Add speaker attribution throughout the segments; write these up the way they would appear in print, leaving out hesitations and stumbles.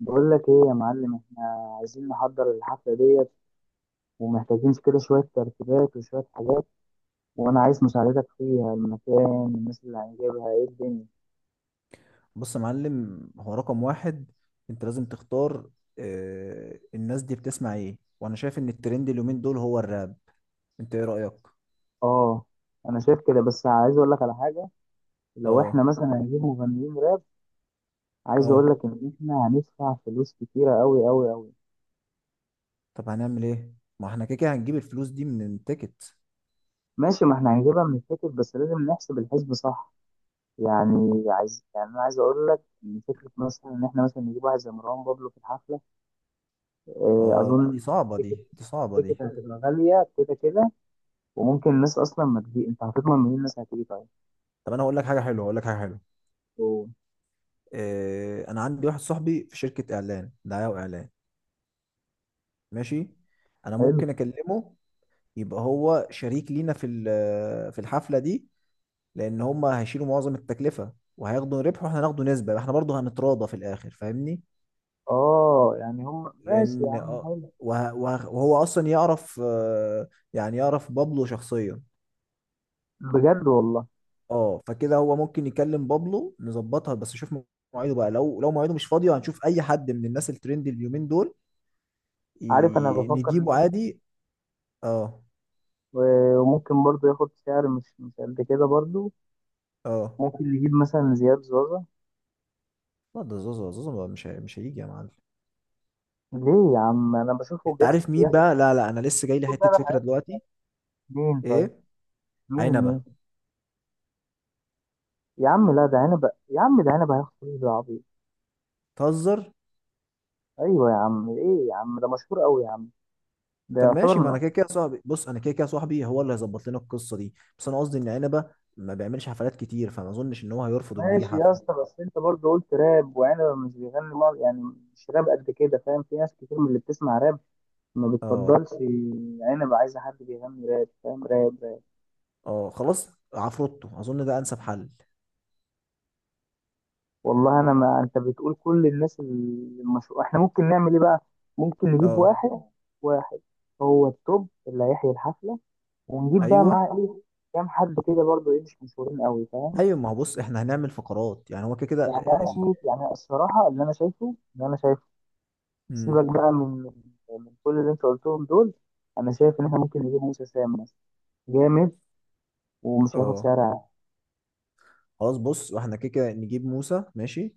Speaker 1: بقول لك ايه يا معلم، احنا عايزين نحضر الحفلة ديت ومحتاجين كده شوية ترتيبات وشوية حاجات. وانا عايز مساعدتك فيها. المكان، الناس اللي هنجيبها، ايه الدنيا.
Speaker 2: بص يا معلم هو رقم واحد. انت لازم تختار. الناس دي بتسمع ايه؟ وانا شايف ان الترند اليومين دول هو الراب. انت ايه رأيك؟
Speaker 1: اه، انا شايف كده، بس عايز اقول لك على حاجة. لو
Speaker 2: اه،
Speaker 1: احنا مثلا هنجيب مغنيين راب، عايز اقول
Speaker 2: اه.
Speaker 1: لك ان احنا هندفع فلوس كتيرة قوي قوي قوي.
Speaker 2: طب هنعمل ايه؟ ما احنا كده كده هنجيب الفلوس دي من التيكت.
Speaker 1: ماشي، ما احنا هنجيبها من التيكت، بس لازم نحسب الحسب صح. يعني عايز يعني انا عايز اقول لك ان فكرة مثلا ان احنا مثلا نجيب واحد زي مروان بابلو في الحفلة. آه،
Speaker 2: اه. لا، دي
Speaker 1: اظن
Speaker 2: صعبة،
Speaker 1: تيكت
Speaker 2: دي، دي صعبة
Speaker 1: تيكت
Speaker 2: دي.
Speaker 1: هتبقى غاليه كده كده. وممكن الناس اصلا ما تجي، انت هتضمن منين الناس هتيجي؟ طيب.
Speaker 2: طب انا هقول لك حاجة حلوة، هقول لك حاجة حلوة.
Speaker 1: أوه.
Speaker 2: انا عندي واحد صاحبي في شركة اعلان، دعاية واعلان. ماشي. انا
Speaker 1: حلو.
Speaker 2: ممكن اكلمه. يبقى هو شريك لينا في الحفلة دي، لان هم هيشيلوا معظم التكلفه وهياخدوا ربح، واحنا هناخدوا نسبه، احنا برضه هنتراضى في الاخر، فاهمني.
Speaker 1: اه يعني هم ماشي يا
Speaker 2: لان
Speaker 1: عم، حلو.
Speaker 2: وهو اصلا يعرف، يعني يعرف بابلو شخصيا.
Speaker 1: بجد والله؟
Speaker 2: اه، فكده هو ممكن يكلم بابلو نظبطها. بس شوف مواعيده بقى، لو مواعيده مش فاضيه هنشوف اي حد من الناس الترند اليومين دول.
Speaker 1: عارف، انا بفكر
Speaker 2: نجيبه
Speaker 1: نجيب
Speaker 2: عادي. اه.
Speaker 1: وممكن برضو ياخد سعر مش قد كده برضو.
Speaker 2: اه
Speaker 1: ممكن نجيب مثلا زياد زوزة.
Speaker 2: لا، ده زوزو، زوزو بقى مش هيجي يا معلم.
Speaker 1: ليه يا عم؟ انا بشوفه
Speaker 2: انت
Speaker 1: بيحسب
Speaker 2: عارف مين
Speaker 1: بيحسب
Speaker 2: بقى؟ لا، لا، انا لسه جاي لي
Speaker 1: كل ده،
Speaker 2: حته
Speaker 1: ده
Speaker 2: فكره
Speaker 1: حياته.
Speaker 2: دلوقتي.
Speaker 1: مين طيب؟
Speaker 2: ايه؟
Speaker 1: مين؟
Speaker 2: عنبه.
Speaker 1: يا عم لا، ده عنب. يا عم ده عنب، هياخد فلوس بالعبيط.
Speaker 2: تهزر؟
Speaker 1: ايوه يا عم، ايه يا عم، ده مشهور قوي يا عم، ده
Speaker 2: طب
Speaker 1: يعتبر
Speaker 2: ماشي، ما
Speaker 1: من...
Speaker 2: انا كده كده صاحبي، بص انا كده كده صاحبي هو اللي هيظبط لنا القصه دي. بس انا قصدي ان عنبه ما بيعملش حفلات كتير، فما اظنش ان هو هيرفض ان يجي
Speaker 1: ماشي يا
Speaker 2: حفله.
Speaker 1: اسطى، بس انت برضه قلت راب، وعنبه مش بيغني يعني مش راب قد كده، فاهم؟ في ناس كتير من اللي بتسمع راب ما
Speaker 2: اه،
Speaker 1: بتفضلش عنبه، عايزه حد بيغني راب، فاهم؟ راب راب.
Speaker 2: اه. خلاص، عفروتو اظن ده انسب حل.
Speaker 1: والله انا، ما انت بتقول كل الناس المشهور، احنا ممكن نعمل ايه بقى؟ ممكن نجيب
Speaker 2: اه،
Speaker 1: واحد. واحد هو التوب اللي هيحيي الحفله، ونجيب بقى
Speaker 2: ايوه،
Speaker 1: معاه ايه، كام حد كده برضه ايه، مش مشهورين قوي، فاهم؟
Speaker 2: ايوه. ما هو بص، احنا هنعمل فقرات، يعني هو كده كده.
Speaker 1: يعني انا
Speaker 2: ال...
Speaker 1: شايف يعني الصراحه، اللي انا شايفه
Speaker 2: مم.
Speaker 1: سيبك بقى من كل اللي انت قلتهم دول. انا شايف ان احنا ممكن نجيب موسى سام مثلا، جامد ومش هياخد
Speaker 2: اه
Speaker 1: سعر عالي.
Speaker 2: خلاص، بص واحنا كده كده نجيب موسى ماشي،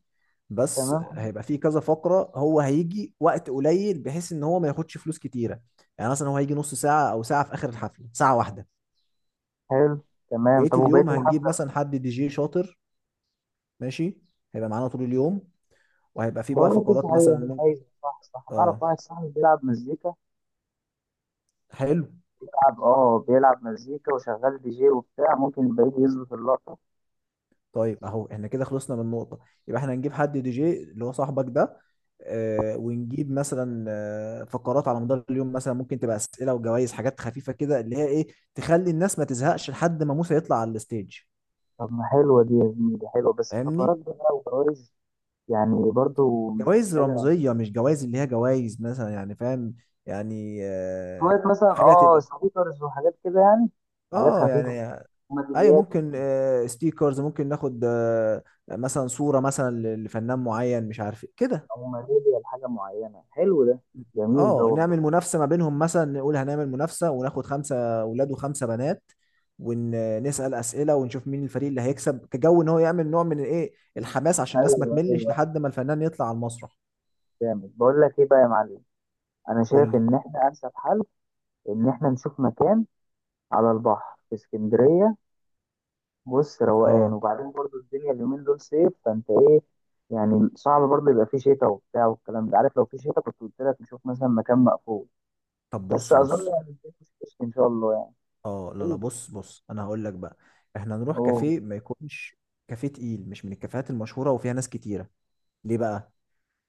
Speaker 2: بس
Speaker 1: تمام.
Speaker 2: هيبقى فيه كذا فقره، هو هيجي وقت قليل بحيث ان هو ما ياخدش فلوس كتيره. يعني مثلا هو هيجي نص ساعه او ساعه في اخر الحفله، ساعه واحده.
Speaker 1: حلو. تمام،
Speaker 2: وبقيه
Speaker 1: طب
Speaker 2: اليوم
Speaker 1: وبقيه
Speaker 2: هنجيب
Speaker 1: الحفله؟
Speaker 2: مثلا حد دي جي شاطر. ماشي. هيبقى معانا طول اليوم. وهيبقى فيه
Speaker 1: بقول
Speaker 2: بقى
Speaker 1: لك ايه
Speaker 2: فقرات مثلا
Speaker 1: صحيح،
Speaker 2: ممكن.
Speaker 1: عايز صح نعرف،
Speaker 2: اه.
Speaker 1: واحد صاحبي بيلعب مزيكا.
Speaker 2: حلو.
Speaker 1: بيلعب مزيكا وشغال دي جي وبتاع، ممكن يبقى يجي يظبط اللقطه.
Speaker 2: طيب. اهو احنا كده خلصنا من نقطة. يبقى احنا هنجيب حد دي جي اللي هو صاحبك ده. ونجيب مثلا فقرات على مدار اليوم، مثلا ممكن تبقى اسئلة وجوائز، حاجات خفيفة كده اللي هي ايه، تخلي الناس ما تزهقش لحد ما موسى يطلع على الستيج.
Speaker 1: طب ما حلوه دي يا زميلي، حلوه بس فقرات
Speaker 2: فاهمني.
Speaker 1: بقى وجوائز يعني برضو مش
Speaker 2: جوائز
Speaker 1: محتاجه.
Speaker 2: رمزية، مش جوائز اللي هي جوائز مثلا، يعني فاهم، يعني
Speaker 1: شويه مثلا
Speaker 2: حاجة
Speaker 1: اه
Speaker 2: تبقى،
Speaker 1: سبيكرز وحاجات كده يعني، حاجات
Speaker 2: اه
Speaker 1: خفيفه
Speaker 2: يعني. ايوه،
Speaker 1: وميداليات
Speaker 2: ممكن ستيكرز، ممكن ناخد مثلا صورة مثلا لفنان معين مش عارف إيه كده.
Speaker 1: او ماليزيا لحاجه معينه. حلو ده، جميل ده
Speaker 2: اه،
Speaker 1: والله.
Speaker 2: نعمل منافسة ما بينهم مثلا، نقول هنعمل منافسة وناخد 5 اولاد وخمسة بنات، ونسأل أسئلة ونشوف مين الفريق اللي هيكسب، كجو ان هو يعمل نوع من الايه، الحماس عشان الناس ما
Speaker 1: ايوه
Speaker 2: تملش
Speaker 1: ايوه.
Speaker 2: لحد ما الفنان يطلع على المسرح.
Speaker 1: جامد. بقول لك ايه بقى يا معلم، انا
Speaker 2: قول
Speaker 1: شايف
Speaker 2: لي.
Speaker 1: ان احنا انسب حل ان احنا نشوف مكان على البحر في اسكندريه. بص، روقان،
Speaker 2: اه.
Speaker 1: وبعدين برضو الدنيا اليومين دول صيف، فانت ايه؟ يعني صعب برضو يبقى فيه شتاء وبتاع والكلام ده، عارف؟ لو فيه شتاء كنت قلت لك نشوف مثلا مكان مقفول،
Speaker 2: طب
Speaker 1: بس
Speaker 2: بص،
Speaker 1: اظن
Speaker 2: بص.
Speaker 1: يعني الدنيا مش هتشتي ان شاء الله يعني.
Speaker 2: اه لا، لا،
Speaker 1: ايه؟
Speaker 2: بص، بص، انا هقول لك بقى. احنا نروح
Speaker 1: اوه.
Speaker 2: كافيه ما يكونش كافيه تقيل، مش من الكافيهات المشهورة وفيها ناس كتيرة. ليه بقى؟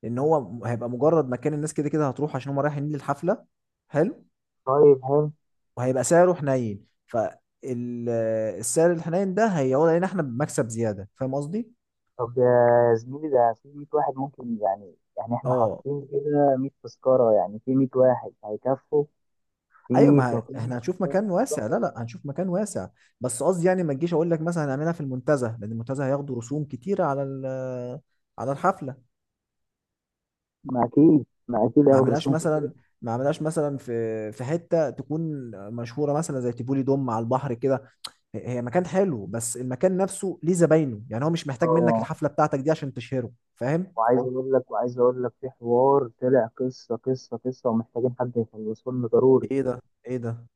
Speaker 2: لان هو هيبقى مجرد مكان، الناس كده كده هتروح عشان هم رايحين للحفله. حلو.
Speaker 1: طيب حلو.
Speaker 2: وهيبقى سعره حنين، فالسعر الحنين ده هيعود علينا احنا بمكسب زياده، فاهم قصدي؟
Speaker 1: طب يا زميلي، ده في 100 واحد، ممكن يعني احنا
Speaker 2: اه.
Speaker 1: حاطين كده 100 تذكرة، يعني في 100 واحد هيكفوا في
Speaker 2: ايوه، ما
Speaker 1: كافيه
Speaker 2: احنا هنشوف مكان واسع،
Speaker 1: واحد.
Speaker 2: لا، لا، هنشوف مكان واسع. بس قصدي يعني ما تجيش اقول لك مثلا هنعملها في المنتزه، لان المنتزه هياخدوا رسوم كتيره على على الحفله.
Speaker 1: ما اكيد ما اكيد
Speaker 2: ما
Speaker 1: هياخدوا
Speaker 2: عملهاش
Speaker 1: رسوم كتير.
Speaker 2: مثلا، ما عملهاش مثلا في حته تكون مشهوره، مثلا زي تيبولي دوم على البحر كده. هي مكان حلو بس المكان نفسه ليه زباينه، يعني هو مش محتاج منك
Speaker 1: اه.
Speaker 2: الحفله بتاعتك دي عشان تشهره، فاهم.
Speaker 1: وعايز اقول لك، وعايز اقول لك في حوار طلع، قصة ومحتاجين حد يخلصه لنا ضروري.
Speaker 2: ايه ده، ايه ده؟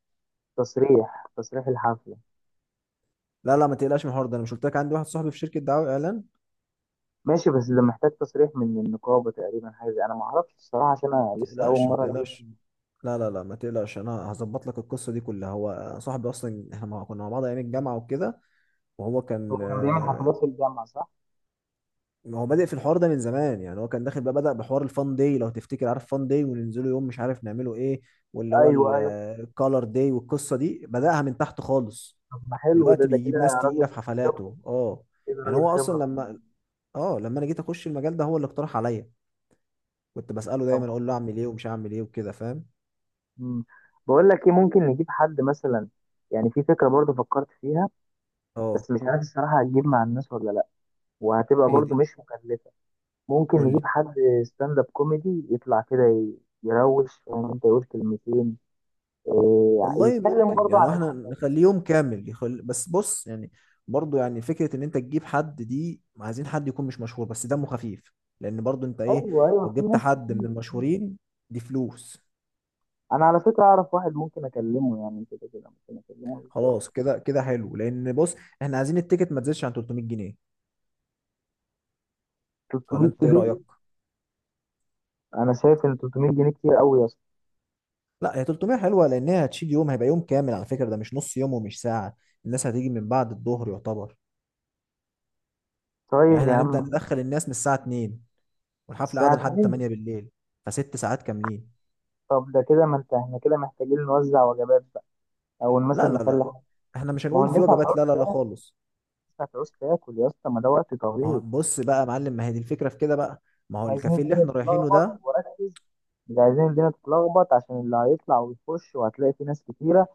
Speaker 1: تصريح الحفلة.
Speaker 2: لا، لا، ما تقلقش من الحوار ده، انا مش قلت لك عندي واحد صاحبي في شركه دعايه واعلان، ما
Speaker 1: ماشي، بس ده محتاج تصريح من النقابة تقريبا، حاجة انا ما اعرفش الصراحة، عشان انا لسه اول
Speaker 2: تقلقش، ما
Speaker 1: مرة.
Speaker 2: تقلقش. لا، لا، لا، ما تقلقش، انا هظبط لك القصه دي كلها، هو صاحبي اصلا، احنا كنا مع بعض ايام الجامعه وكده. وهو كان،
Speaker 1: هو كان بيعمل حفلات في الجامعة صح؟
Speaker 2: ما هو بادئ في الحوار ده من زمان. يعني هو كان داخل بقى، بدأ بحوار الفان داي لو تفتكر، عارف فان داي، وننزله يوم مش عارف نعمله ايه. واللي هو
Speaker 1: ايوه ايوه.
Speaker 2: الكالر داي، والقصة دي بدأها من تحت خالص.
Speaker 1: طب ما حلو ده،
Speaker 2: دلوقتي
Speaker 1: ده
Speaker 2: بيجيب
Speaker 1: كده
Speaker 2: ناس
Speaker 1: راجل
Speaker 2: تقيلة في
Speaker 1: خبرة،
Speaker 2: حفلاته. اه.
Speaker 1: كده
Speaker 2: يعني
Speaker 1: راجل
Speaker 2: هو اصلا
Speaker 1: خبرة.
Speaker 2: لما، اه لما انا جيت اخش المجال ده هو اللي اقترح عليا. كنت بسأله دايما،
Speaker 1: طب
Speaker 2: اقول له اعمل ايه ومش هعمل ايه وكده، فاهم.
Speaker 1: مم. بقول لك ايه، ممكن نجيب حد مثلا، يعني في فكرة برضه فكرت فيها،
Speaker 2: اه.
Speaker 1: بس مش عارف الصراحة هتجيب مع الناس ولا لا، وهتبقى
Speaker 2: ايه
Speaker 1: برضه
Speaker 2: دي؟
Speaker 1: مش مكلفة. ممكن
Speaker 2: قول لي.
Speaker 1: نجيب حد ستاند اب كوميدي يطلع كده يروش، فاهم انت، يقول كلمتين إيه،
Speaker 2: والله
Speaker 1: يتكلم
Speaker 2: ممكن،
Speaker 1: برضه
Speaker 2: يعني
Speaker 1: عن
Speaker 2: احنا
Speaker 1: الحفلات.
Speaker 2: نخليه يوم كامل بس بص يعني، برضو يعني فكرة ان انت تجيب حد دي، عايزين حد يكون مش مشهور بس دمه خفيف، لان برضو انت ايه،
Speaker 1: ايوه ايوه،
Speaker 2: لو
Speaker 1: في
Speaker 2: جبت
Speaker 1: ناس
Speaker 2: حد من
Speaker 1: كتير.
Speaker 2: المشهورين دي فلوس.
Speaker 1: انا على فكرة اعرف واحد، ممكن اكلمه، يعني كده كده ممكن اكلمه.
Speaker 2: خلاص، كده كده حلو، لان بص، احنا عايزين التيكت ما تزيدش عن 300 جنيه، ولا
Speaker 1: 300
Speaker 2: انت ايه
Speaker 1: كده؟
Speaker 2: رأيك؟
Speaker 1: انا شايف ان 300 جنيه كتير قوي.
Speaker 2: لا، هي 300 حلوة لان هي هتشيل يوم، هيبقى يوم كامل على فكرة ده، مش نص يوم ومش ساعة. الناس هتيجي من بعد الظهر يعتبر. يعني
Speaker 1: طيب يا
Speaker 2: احنا هنبدأ
Speaker 1: عم.
Speaker 2: ندخل الناس من الساعة 2، والحفلة
Speaker 1: الساعة
Speaker 2: قاعدة لحد 8
Speaker 1: اتنين؟
Speaker 2: بالليل، فست ساعات كاملين.
Speaker 1: طب ده كده، ما انت احنا كده محتاجين نوزع وجبات بقى، أو
Speaker 2: لا،
Speaker 1: مثلا
Speaker 2: لا،
Speaker 1: نخلي
Speaker 2: لا،
Speaker 1: حاجة.
Speaker 2: احنا مش
Speaker 1: ما هو
Speaker 2: هنقول في
Speaker 1: الناس
Speaker 2: وجبات،
Speaker 1: هتعوز
Speaker 2: لا، لا، لا
Speaker 1: تاكل،
Speaker 2: خالص.
Speaker 1: الناس هتعوز تاكل يا اسطى، ما ده وقت
Speaker 2: ما هو
Speaker 1: طويل.
Speaker 2: بص بقى يا معلم، ما هي دي الفكرة في كده بقى. ما
Speaker 1: مش
Speaker 2: هو
Speaker 1: عايزين
Speaker 2: الكافيه اللي
Speaker 1: الدنيا
Speaker 2: احنا رايحينه
Speaker 1: تتلخبط،
Speaker 2: ده.
Speaker 1: وركز، مش عايزين الدنيا تتلخبط عشان اللي هيطلع ويخش، وهتلاقي في ناس كتيرة،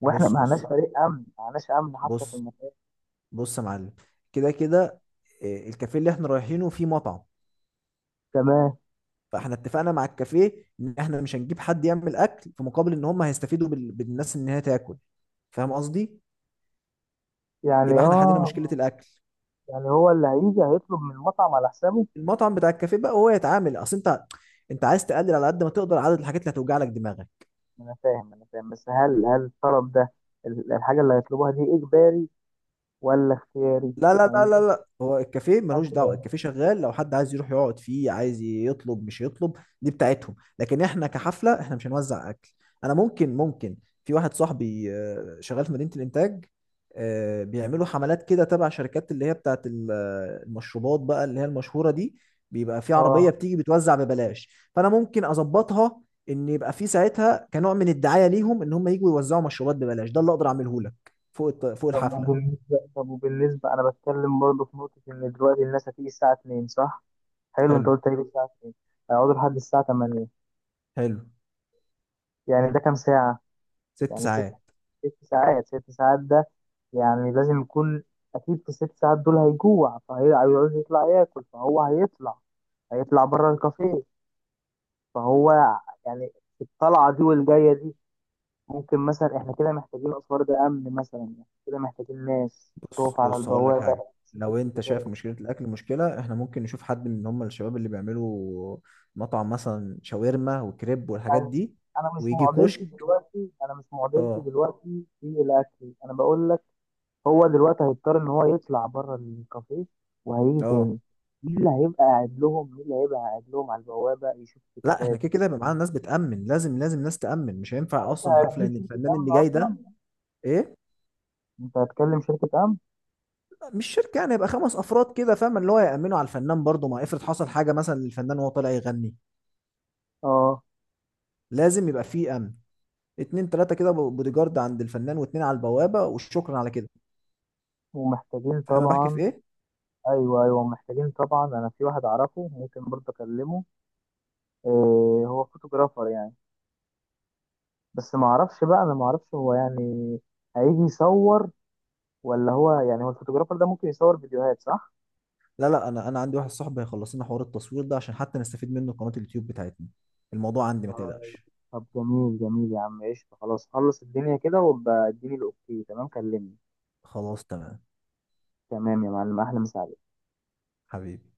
Speaker 1: واحنا ما
Speaker 2: بص،
Speaker 1: معناش
Speaker 2: بص.
Speaker 1: فريق أمن، ما معناش أمن حتى في
Speaker 2: بص.
Speaker 1: المكان.
Speaker 2: بص يا معلم. كده كده. اه، الكافيه اللي احنا رايحينه فيه مطعم،
Speaker 1: تمام.
Speaker 2: فاحنا اتفقنا مع الكافيه ان احنا مش هنجيب حد يعمل اكل، في مقابل ان هم هيستفيدوا بالناس ان هي تاكل، فاهم قصدي.
Speaker 1: يعني
Speaker 2: يبقى احنا حلينا مشكلة
Speaker 1: اه.
Speaker 2: الاكل.
Speaker 1: يعني هو اللي هيجي هيطلب من المطعم على حسابه؟
Speaker 2: المطعم بتاع الكافيه بقى هو يتعامل. اصل انت، انت عايز تقلل على قد ما تقدر عدد الحاجات اللي هتوجع لك دماغك.
Speaker 1: أنا فاهم، أنا فاهم، بس هل الطلب ده، الحاجة اللي هيطلبوها دي إجباري ولا اختياري؟
Speaker 2: لا، لا، لا،
Speaker 1: معيش
Speaker 2: لا، لا، هو الكافيه ملوش دعوه،
Speaker 1: مثلا.
Speaker 2: الكافيه شغال، لو حد عايز يروح يقعد فيه عايز يطلب مش يطلب، دي بتاعتهم، لكن احنا كحفله احنا مش هنوزع اكل. انا ممكن في واحد صاحبي شغال في مدينه الانتاج، بيعملوا حملات كده تبع شركات اللي هي بتاعت المشروبات بقى اللي هي المشهوره دي. بيبقى في عربيه
Speaker 1: اه.
Speaker 2: بتيجي بتوزع ببلاش، فانا ممكن اظبطها، ان يبقى في ساعتها كنوع من الدعايه ليهم ان هم يجوا يوزعوا مشروبات ببلاش، ده اللي اقدر اعمله لك فوق
Speaker 1: طب
Speaker 2: الحفله.
Speaker 1: وبالنسبة، طب وبالنسبة، أنا بتكلم برضه في نقطة، إن دلوقتي الناس هتيجي الساعة 2 صح؟ حلو، أنت
Speaker 2: حلو.
Speaker 1: قلت هيجي الساعة 2، هيقعدوا لحد الساعة 8،
Speaker 2: حلو.
Speaker 1: يعني ده كام ساعة؟
Speaker 2: ست
Speaker 1: يعني سكة
Speaker 2: ساعات
Speaker 1: ست ساعات ده. يعني لازم يكون، أكيد في الست ساعات دول هيجوع، فهيعوز يطلع ياكل، فهو هيطلع، هيطلع بره الكافيه. فهو يعني، الطلعة دي والجاية دي، ممكن مثلا احنا كده محتاجين اسوار، ده امن مثلا، يعني كده محتاجين ناس
Speaker 2: بص،
Speaker 1: تقف على
Speaker 2: بص، هقول لك
Speaker 1: البوابه
Speaker 2: حاجه.
Speaker 1: تشوف
Speaker 2: لو انت شايف
Speaker 1: التيكيتات.
Speaker 2: مشكله الاكل مشكله، احنا ممكن نشوف حد من هم الشباب اللي بيعملوا مطعم مثلا شاورما وكريب والحاجات
Speaker 1: انا،
Speaker 2: دي،
Speaker 1: أنا مش
Speaker 2: ويجي
Speaker 1: معضلتي
Speaker 2: كشك.
Speaker 1: دلوقتي انا مش معضلتي
Speaker 2: اه.
Speaker 1: دلوقتي في الاكل، انا بقول لك هو دلوقتي هيضطر ان هو يطلع بره الكافيه وهيجي تاني،
Speaker 2: اه
Speaker 1: مين اللي هيبقى قاعد لهم مين اللي هيبقى قاعد لهم على البوابه يشوف
Speaker 2: لا، احنا
Speaker 1: التيكيتات؟
Speaker 2: كده كده يبقى معانا ناس بتأمن، لازم، لازم ناس تأمن، مش
Speaker 1: يعني
Speaker 2: هينفع
Speaker 1: انت
Speaker 2: اصلا حفله
Speaker 1: هتجيب
Speaker 2: ان
Speaker 1: شركه
Speaker 2: الفنان
Speaker 1: امن
Speaker 2: اللي جاي ده.
Speaker 1: اصلا؟
Speaker 2: ايه.
Speaker 1: انت هتكلم شركه امن؟
Speaker 2: مش شركه، يعني يبقى 5 افراد كده، فاهم، اللي هو يأمنوا على الفنان، برضه ما افرض حصل حاجه مثلا للفنان وهو طالع يغني،
Speaker 1: اه.
Speaker 2: لازم يبقى فيه امن. اتنين، تلاته كده بودي جارد عند الفنان، واتنين على البوابه، وشكرا على كده.
Speaker 1: ومحتاجين
Speaker 2: فاهم أنا بحكي في
Speaker 1: طبعا.
Speaker 2: ايه.
Speaker 1: ايوه ايوه، محتاجين طبعا. انا في واحد اعرفه ممكن برضه اكلمه. إيه، هو فوتوغرافر يعني، بس ما اعرفش بقى، انا ما اعرفش هو يعني هيجي يصور، ولا هو يعني، هو الفوتوغرافر ده ممكن يصور فيديوهات صح؟
Speaker 2: لا، لا، انا عندي واحد صاحبي هيخلص لنا حوار التصوير ده عشان حتى نستفيد منه قناة اليوتيوب بتاعتنا. الموضوع عندي ما تقلقش.
Speaker 1: طب جميل، جميل يا عم، قشطة، خلاص، خلص الدنيا كده وابقى اديني الاوكي تمام، كلمني.
Speaker 2: خلاص تمام.
Speaker 1: تمام يا معلم، احلى مساعدة.
Speaker 2: حبيبي.